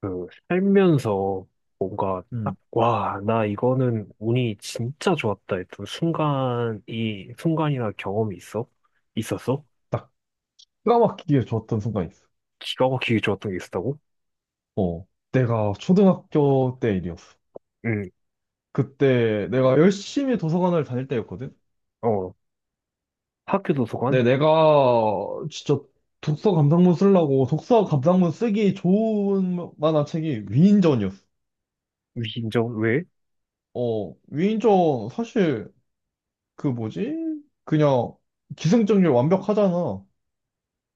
그 살면서 뭔가 딱, 음, 와, 나 이거는 운이 진짜 좋았다 했던 순간이나 경험이 있어? 있었어? 딱막맣게 좋았던 순간이 있어. 기가 막히게 좋았던 게 있었다고? 어, 내가 초등학교 때 일이었어. 응. 그때 내가 열심히 도서관을 다닐 때였거든. 어. 학교 근데 도서관? 내가 진짜 독서 감상문 쓰려고 독서 감상문 쓰기 좋은 만한 책이 위인전이었어. 위인전? 왜? 어, 위인전 사실 그 뭐지? 그냥 기승전결 완벽하잖아.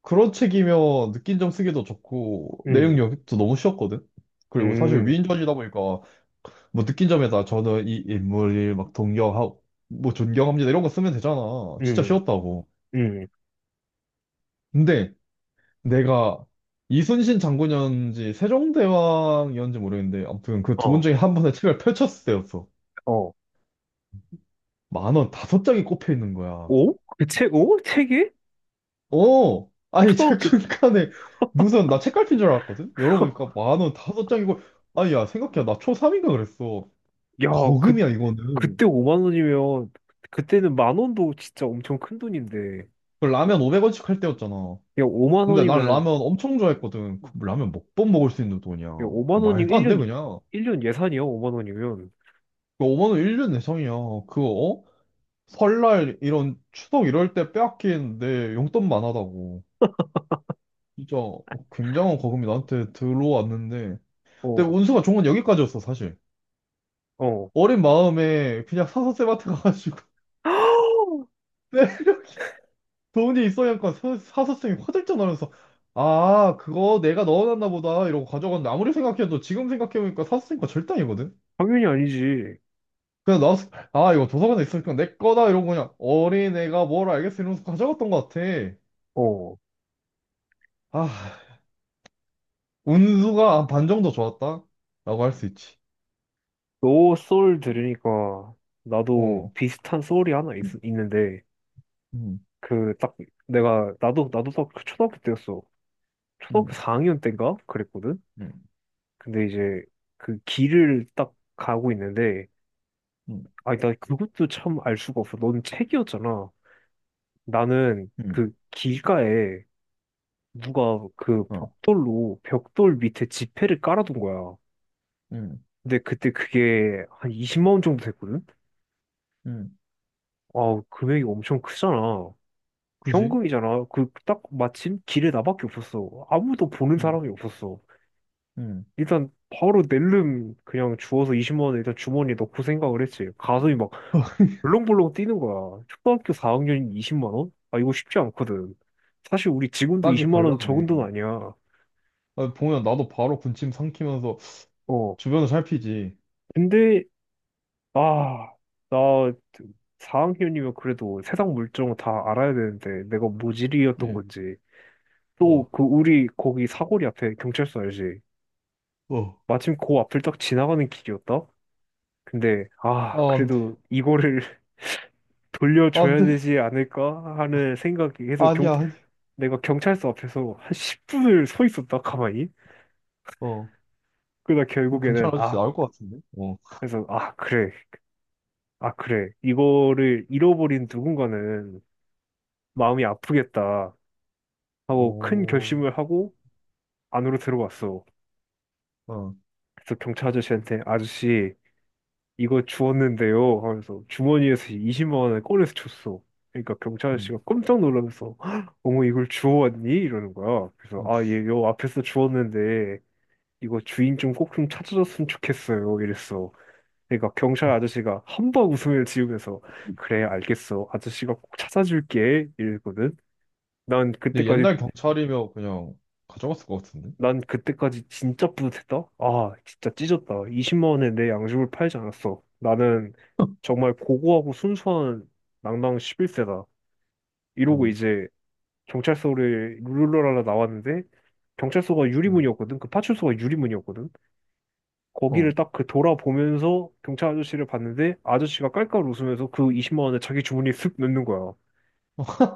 그런 책이면 느낀 점 쓰기도 좋고 내용 응, 영입도 너무 쉬웠거든. 그리고 사실 응, 위인전이다 보니까 뭐 느낀 점에서 저는 이 인물을 막 동경하고 뭐 존경합니다 이런 거 쓰면 되잖아. 진짜 응, 쉬웠다고. 응, 근데 내가 이순신 장군이었는지 세종대왕이었는지 모르겠는데 아무튼 그 두 분 어, 중에 한 분의 책을 펼쳤을 때였어. 어. 만원 다섯 장이 꼽혀 있는 거야. 오? 그 책, 오? 책이? 어, 아니 책 초등학교, 중간에 무슨 나 책갈피인 줄 알았거든. 열어보니까 만원 다섯 장이고 아니 야 생각해 나 초삼인가 그랬어. 야. 그, 거금이야 이거는. 그때 5만 원이면, 그때는 10,000원도 진짜 엄청 큰 돈인데, 그 라면 500원씩 할 때였잖아. 야, 5만 근데 난 원이면. 라면 엄청 좋아했거든. 그 라면 몇 번 먹을 수 있는 돈이야. 야, 5만 원이면 말도 안 돼, 1년, 그냥. 일년 예산이야, 5만 원이면. 그 5만 원 1년 내성이야. 그거, 어? 설날, 이런, 추석 이럴 때 빼앗긴 내 용돈만 하다고. 진짜 굉장한 거금이 나한테 들어왔는데. 근데 어, 운수가 좋은 건 여기까지였어, 사실. 어. 어린 마음에 그냥 사서쌤한테 가가지고. 네, 돈이 있어야니까 사서쌤이 화들짝 놀면서 아, 그거 내가 넣어놨나 보다. 이러고 가져갔는데 아무리 생각해도 지금 생각해보니까 사서쌤과 절대 아니거든. 당연히 아니지. 그냥 나왔을 때, 아, 이거 도서관에 있으니까 내 거다. 이러고 그냥 어린애가 뭘 알겠어. 이러면서 가져갔던 것 같아. 어. 아, 운수가 한 반 정도 좋았다. 라고 할 수 있지. 너 소울 들으니까 나도 어. 비슷한 소울이 하나 있는데, 음, 그, 딱, 나도 딱 그 초등학교 때였어. 초등학교 음, 4학년 때인가? 그랬거든? 음, 근데 이제 그 길을 딱 가고 있는데, 음, 아니, 나 그것도 참 알 수가 없어. 넌 책이었잖아. 나는 음, 그 길가에 누가 그 어, 벽돌로 벽돌 밑에 지폐를 깔아둔 거야. 음, 근데 그때 그게 한 20만 원 정도 됐거든? 음. 아, 금액이 엄청 크잖아. 그지? 현금이잖아. 그 딱 마침 길에 나밖에 없었어. 아무도 보는 음, 사람이 없었어. 음. 일단 바로 낼름 그냥 주워서 20만 원을 일단 주머니에 넣고 생각을 했지. 가슴이 막 벌렁벌렁 뛰는 거야. 초등학교 4학년이 20만 원? 아, 이거 쉽지 않거든. 사실 우리 지금도 딱이 20만 원 적은 돈 달랐네. 아니야. 아, 보면 나도 바로 군침 삼키면서 어. 주변을 살피지. 근데 아, 나 4학년이면 그래도 세상 물정 다 알아야 되는데 내가 모질이었던 그지? 건지 또 어, 그 우리 거기 사거리 앞에 경찰서 알지? 어. 마침 그 앞을 딱 지나가는 길이었다? 근데 아 아, 안 돼. 그래도 이거를 아, 안 돌려줘야 돼. 되지 않을까 하는 생각이 해서 경 아니야, 아니. 내가 경찰서 앞에서 한 10분을 서 있었다 가만히. 어. 그러다 경찰 결국에는 아저씨 아 나올 것 같은데? 어. 그래서 아 그래 아 그래 이거를 잃어버린 누군가는 마음이 아프겠다 하고 큰 오, 결심을 하고 안으로 들어왔어. 어. 그래서 경찰 아저씨한테 아저씨 이거 주웠는데요 하면서 주머니에서 20만 원을 꺼내서 줬어. 그러니까 경찰 음. 아저씨가 깜짝 놀라면서 "헉, 어머 이걸 주워왔니? 이러는 거야. 그래서 어. 응, 응, 아 예 요 앞에서 주웠는데 이거 주인 좀 꼭 좀 찾아줬으면 좋겠어요 이랬어. 그러니까 경찰 응. 아저씨가 함박 웃음을 지으면서 그래 알겠어 아저씨가 꼭 찾아줄게 이랬거든. 난 근데 그때까지 옛날 경찰이면 그냥 가져갔을 것 같은데? 난 그때까지 진짜 뿌듯했다. 아, 진짜 찢었다. 20만 원에 내 양심을 팔지 않았어. 나는 정말 고고하고 순수한 낭낭 11세다. 이러고 어, 이제 경찰서를 룰루랄라 나왔는데 경찰서가 어, 유리문이었거든. 그 파출소가 유리문이었거든. 어, 거기를 딱 그 돌아보면서 경찰 아저씨를 봤는데 아저씨가 깔깔 웃으면서 그 20만 원을 자기 주머니에 쓱 넣는 거야.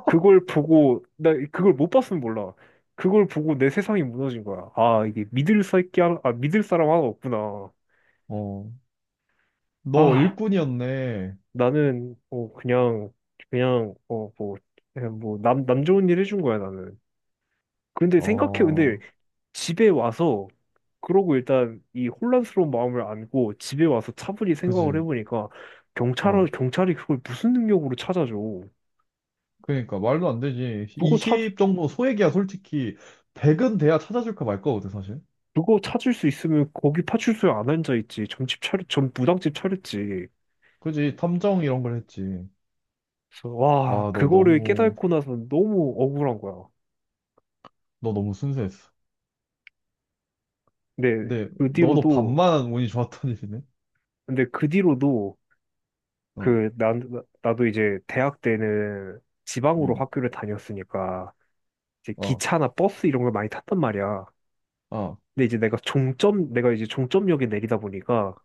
그걸 보고, 나 그걸 못 봤으면 몰라. 그걸 보고 내 세상이 무너진 거야. 아, 이게 믿을 새끼 하나, 아, 믿을 사람 하나 없구나. 어. 너 아, 일꾼이었네. 나는, 어, 그냥, 그냥, 어, 뭐, 그냥 뭐, 남, 남 좋은 일 해준 거야, 나는. 근데 생각해, 근데 어, 집에 와서, 그러고 일단 이 혼란스러운 마음을 안고 집에 와서 차분히 생각을 그지. 해보니까 경찰은, 어, 경찰이 그걸 무슨 능력으로 찾아줘. 그러니까 말도 안 되지. 그거 찾, 20 정도 소액이야, 솔직히. 100은 돼야 찾아줄까 말까 거든, 사실. 그거 찾을 수 있으면 거기 파출소에 안 앉아있지. 점 무당집 차렸지. 그지. 탐정 이런 걸 했지. 그래서 와, 아, 너 그거를 너무, 깨닫고 나서 너무 억울한 거야. 너 너무 순수했어. 근데 근데 그 너도 뒤로도, 반만 운이 좋았던 일이네. 근데 그 뒤로도 어, 나도 이제 대학 때는 지방으로 음, 학교를 다녔으니까 이제 어, 기차나 버스 이런 걸 많이 탔단 말이야. 어, 근데 이제 내가 종점, 내가 이제 종점역에 내리다 보니까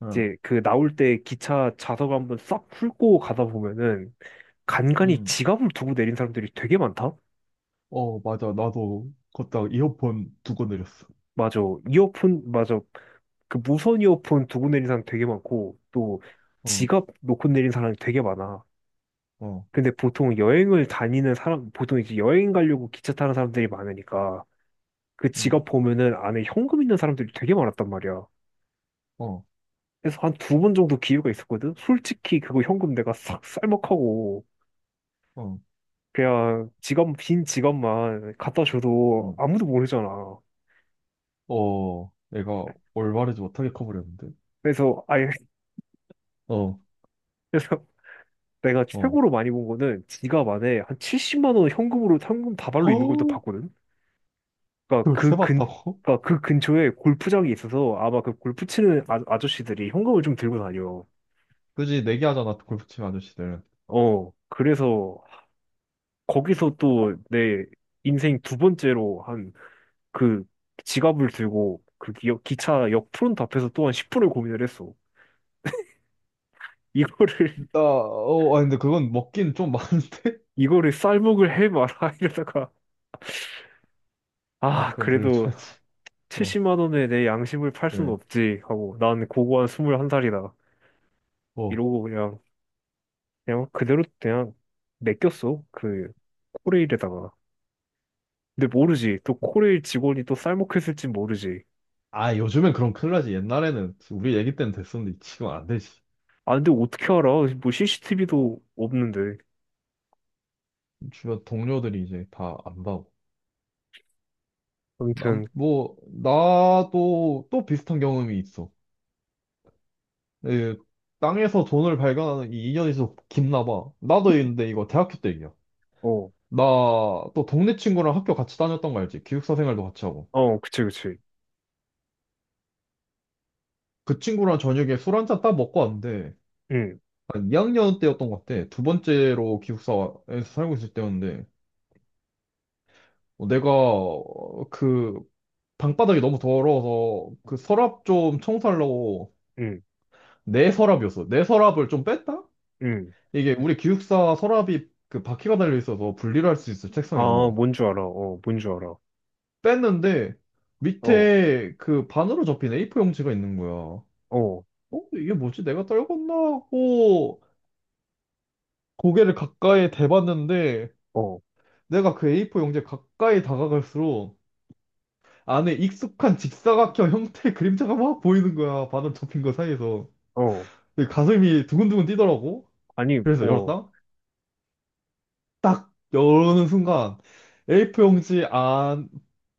어, 이제 그 나올 때 기차 좌석 한번 싹 훑고 가다 보면은 간간이 음. 지갑을 두고 내린 사람들이 되게 많다. 어, 맞아. 나도 걷다가 이어폰 두고 내렸어. 맞아. 이어폰, 맞아. 그 무선 이어폰 두고 내린 사람 되게 많고, 또 어. 지갑 놓고 내린 사람이 되게 많아. 어. 근데 보통 여행을 다니는 사람, 보통 이제 여행 가려고 기차 타는 사람들이 많으니까, 그 응, 지갑 보면은 안에 현금 있는 사람들이 되게 많았단 말이야. 어, 그래서 한 두 번 정도 기회가 있었거든? 솔직히 그거 현금 내가 싹 쌀먹하고, 어, 그냥 지갑, 빈 지갑만 갖다 줘도 어, 아무도 모르잖아. 어, 내가 올바르지 못하게 커버렸는데? 그래서, 아예, 어, 내가 어. 최고로 많이 본 거는 지갑 안에 한 70만 원 현금으로 현금 다발로 있는 걸도 허우! 봤거든. 그러니까 그걸 그 근, 세봤다고? 그러니까 그 근처에 골프장이 있어서 아마 그 골프 치는 아, 아저씨들이 현금을 좀 들고 다녀. 그지, 내기하잖아, 골프 치는 아저씨들. 어, 그래서 거기서 또 내 인생 두 번째로 한 그 지갑을 들고 그 기차 역 프론트 앞에서 또 한 10분을 고민을 했어. 이거를 나, 어, 아니, 근데 그건 먹긴 좀 많은데? 이거를 쌀먹을 해 말아 이러다가 아, 아 그건 그래도 돌려줘야지. 어, 70만 원에 내 양심을 팔 수는 그래. 없지 하고 난 고고한 21살이다 어. 이러고 그냥 그대로 그냥 맡겼어 그 코레일에다가. 근데 모르지 또 코레일 직원이 또 쌀먹했을진 모르지. 아, 요즘엔 그럼 큰일 나지. 옛날에는, 우리 얘기 때는 됐었는데, 지금 안 되지. 아 근데 어떻게 알아 뭐 CCTV도 없는데. 주변 동료들이 이제 다 안다고. 난, 아무튼. 뭐, 나도 또 비슷한 경험이 있어. 예, 땅에서 돈을 발견하는 이 인연이 좀 깊나 봐. 나도 있는데 이거 대학교 때 얘기야. 어. 나 또 동네 친구랑 학교 같이 다녔던 거 알지? 기숙사 생활도 같이 하고. 어. 그치, 그치. 그 친구랑 저녁에 술 한잔 딱 먹고 왔는데 응한 2학년 때였던 것 같아. 두 번째로 기숙사에서 살고 있을 때였는데 어, 내가 어, 그 방바닥이 너무 더러워서 그 서랍 좀 청소하려고 응 내 서랍이었어. 내 서랍을 좀 뺐다? 응. 이게 우리 기숙사 서랍이 그 바퀴가 달려 있어서 분리를 할 수 있어, 아 책상에서. 뭔 줄 알아. 어 뭔 줄 알아. 뺐는데 어. 밑에 그 반으로 접힌 A4 용지가 있는 거야. 어? 어. 이게 뭐지? 내가 떨궜나 하고 고개를 가까이 대봤는데 어. 내가 그 A4 용지에 가까이 다가갈수록 안에 익숙한 직사각형 형태의 그림자가 막 보이는 거야. 반으로 접힌 거 사이에서. 어. 근데 가슴이 두근두근 뛰더라고. 아니 그래서 어. 열었다. 딱 열는 순간 A4 용지 안,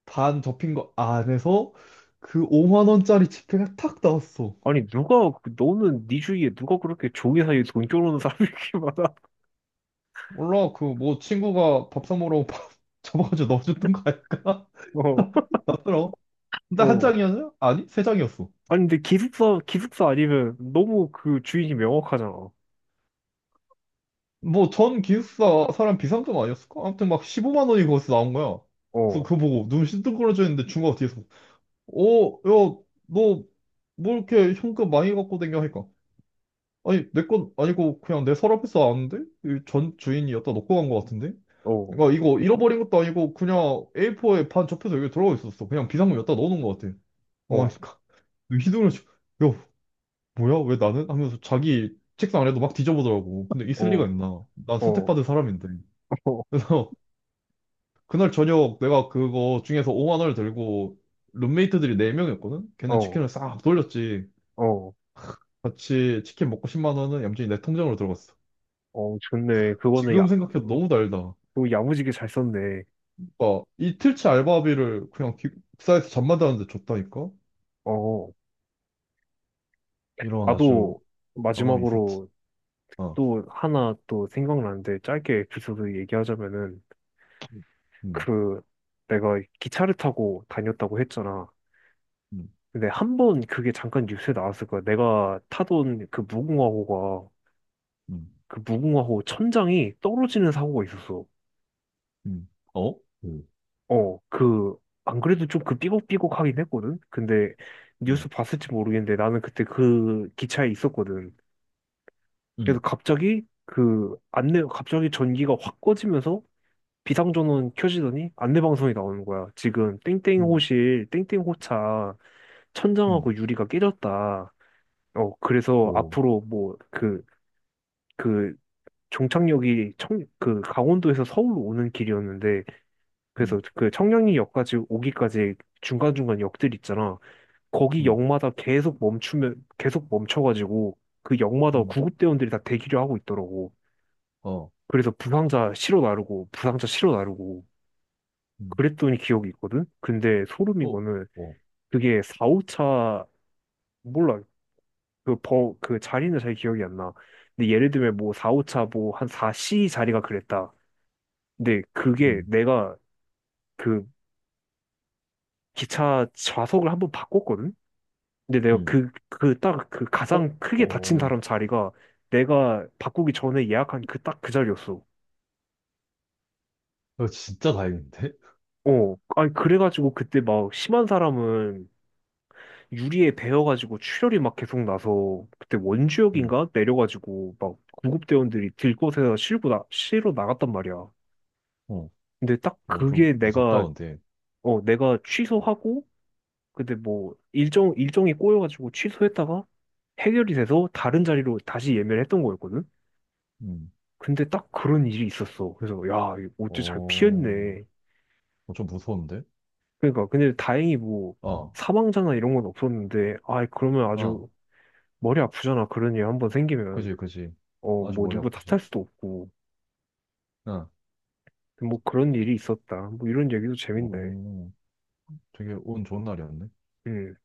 반 접힌 거 안에서 그 5만 원짜리 지폐가 탁 나왔어. 아니 누가 그- 너는 네 주위에 누가 그렇게 종이 사이에 돈 쪼르는 사람이 이렇게 많아? 몰라, 그, 뭐, 친구가 밥 사먹으라고 밥 잡아가지고 넣어줬던 거 아닐까? 어, 나더라. 근데 한 어. 장이었냐? 아니, 세 장이었어. 아니 근데 기숙사 아니면 너무 그 주인이 명확하잖아. 뭐, 전 기숙사 사람 비상금 아니었을까? 아무튼 막 15만 원이 거기서 나온 거야. 그래서 어, 그거 보고 눈 싱뚱그러져 있는데 중국가 뒤에서, 어, 야, 너, 뭐 이렇게 현금 많이 갖고 댕겨 하니까. 아니, 내 건 아니고 그냥 내 서랍에서 나왔는데? 이전 주인이 여기다 놓고 간 거 같은데? 어, 그러니까 이거 잃어버린 것도 아니고 그냥 A4에 반 접혀서 여기 들어가 있었어. 그냥 비상금 여기다 넣어놓은 거 같아. 어, 어, 그러니까 휘두르는 중. 야, 뭐야? 왜 나는? 하면서 자기 책상 아래도 막 뒤져보더라고. 근데 어, 있을 리가 어, 있나? 난 어, 선택받은 사람인데. 그래서 그날 저녁 내가 그거 중에서 5만 원을 들고 룸메이트들이 4명이었거든? 어, 걔는 어, 치킨을 싹 돌렸지. 어, 같이 치킨 먹고 10만 원은 얌전히 내 통장으로 들어갔어. 어, 좋네. 그거는 야, 지금 생각해도 너무 달다. 또 야무지게 잘 썼네. 그러니까 이틀치 알바비를 그냥 기사에서 잠만 자는데 줬다니까? 어, 이런 아주 나도 경험이 있었지. 마지막으로 어. 또 하나 또 생각나는데 짧게 에피소드 얘기하자면은 음, 음, 그 내가 기차를 타고 다녔다고 했잖아. 음, 근데 한 번 그게 잠깐 뉴스에 나왔을 거야. 내가 타던 그 무궁화호가 음. 그 무궁화호 천장이 떨어지는 사고가 있었어. 음. 어? 음. 어, 그 안 그래도 좀 그 삐걱삐걱하긴 했거든. 근데 음, 뉴스 봤을지 모르겠는데 나는 그때 그 기차에 있었거든. 그래서 음, 갑자기 그 안내 갑자기 전기가 확 꺼지면서 비상전원 켜지더니 안내 방송이 나오는 거야. 지금 땡땡 음, 호실 땡땡 호차 음, 천장하고 유리가 깨졌다. 어, 그래서 오, 앞으로 뭐, 그, 그 종착역이 청, 그 강원도에서 서울로 오는 길이었는데 그래서 음, 그 청량리역까지 오기까지 중간중간 역들 있잖아. 거기 음, 역마다 계속 멈추면 계속 멈춰가지고 그 역마다 음, 구급대원들이 다 대기를 하고 있더라고. 어, 그래서 부상자 실어 나르고 부상자 실어 나르고 음, 그랬더니 기억이 있거든. 근데 소름인 오, 거는 오, 그게 4, 오차 몰라. 그 버, 그 자리는 잘 기억이 안 나. 근데 예를 들면 뭐 4, 오차 뭐 한 4C 자리가 그랬다. 근데 그게 음, 내가 그 기차 좌석을 한번 바꿨거든? 근데 내가 음, 딱 그 오, 가장 크게 다친 오. 사람 자리가 내가 바꾸기 전에 예약한 그 딱 그 자리였어. 이거 진짜 다행인데? 어, 아니, 그래가지고 그때 막 심한 사람은 유리에 베어가지고 출혈이 막 계속 나서 그때 음, 원주역인가 내려가지고 막 구급대원들이 들곳에서 실어 나갔단 말이야. 어, 근데 딱 어, 좀 그게 무섭다, 내가, 근데. 어, 내가 취소하고 근데 뭐 일정이 꼬여가지고 취소했다가 해결이 돼서 다른 자리로 다시 예매를 했던 거였거든. 음, 근데 딱 그런 일이 있었어. 그래서 야, 이거 어째 잘 어, 피했네. 어, 좀 무서운데? 그러니까 근데 다행히 뭐 어, 사망자나 이런 건 없었는데 아 그러면 어, 아주 머리 아프잖아. 그런 일 한번 생기면 그지, 그지. 어 아주 뭐 머리 누구 아프지. 탓할 수도 없고 어, 뭐 그런 일이 있었다. 뭐 이런 얘기도 재밌네. 어, 되게 운 좋은 날이었네. 음.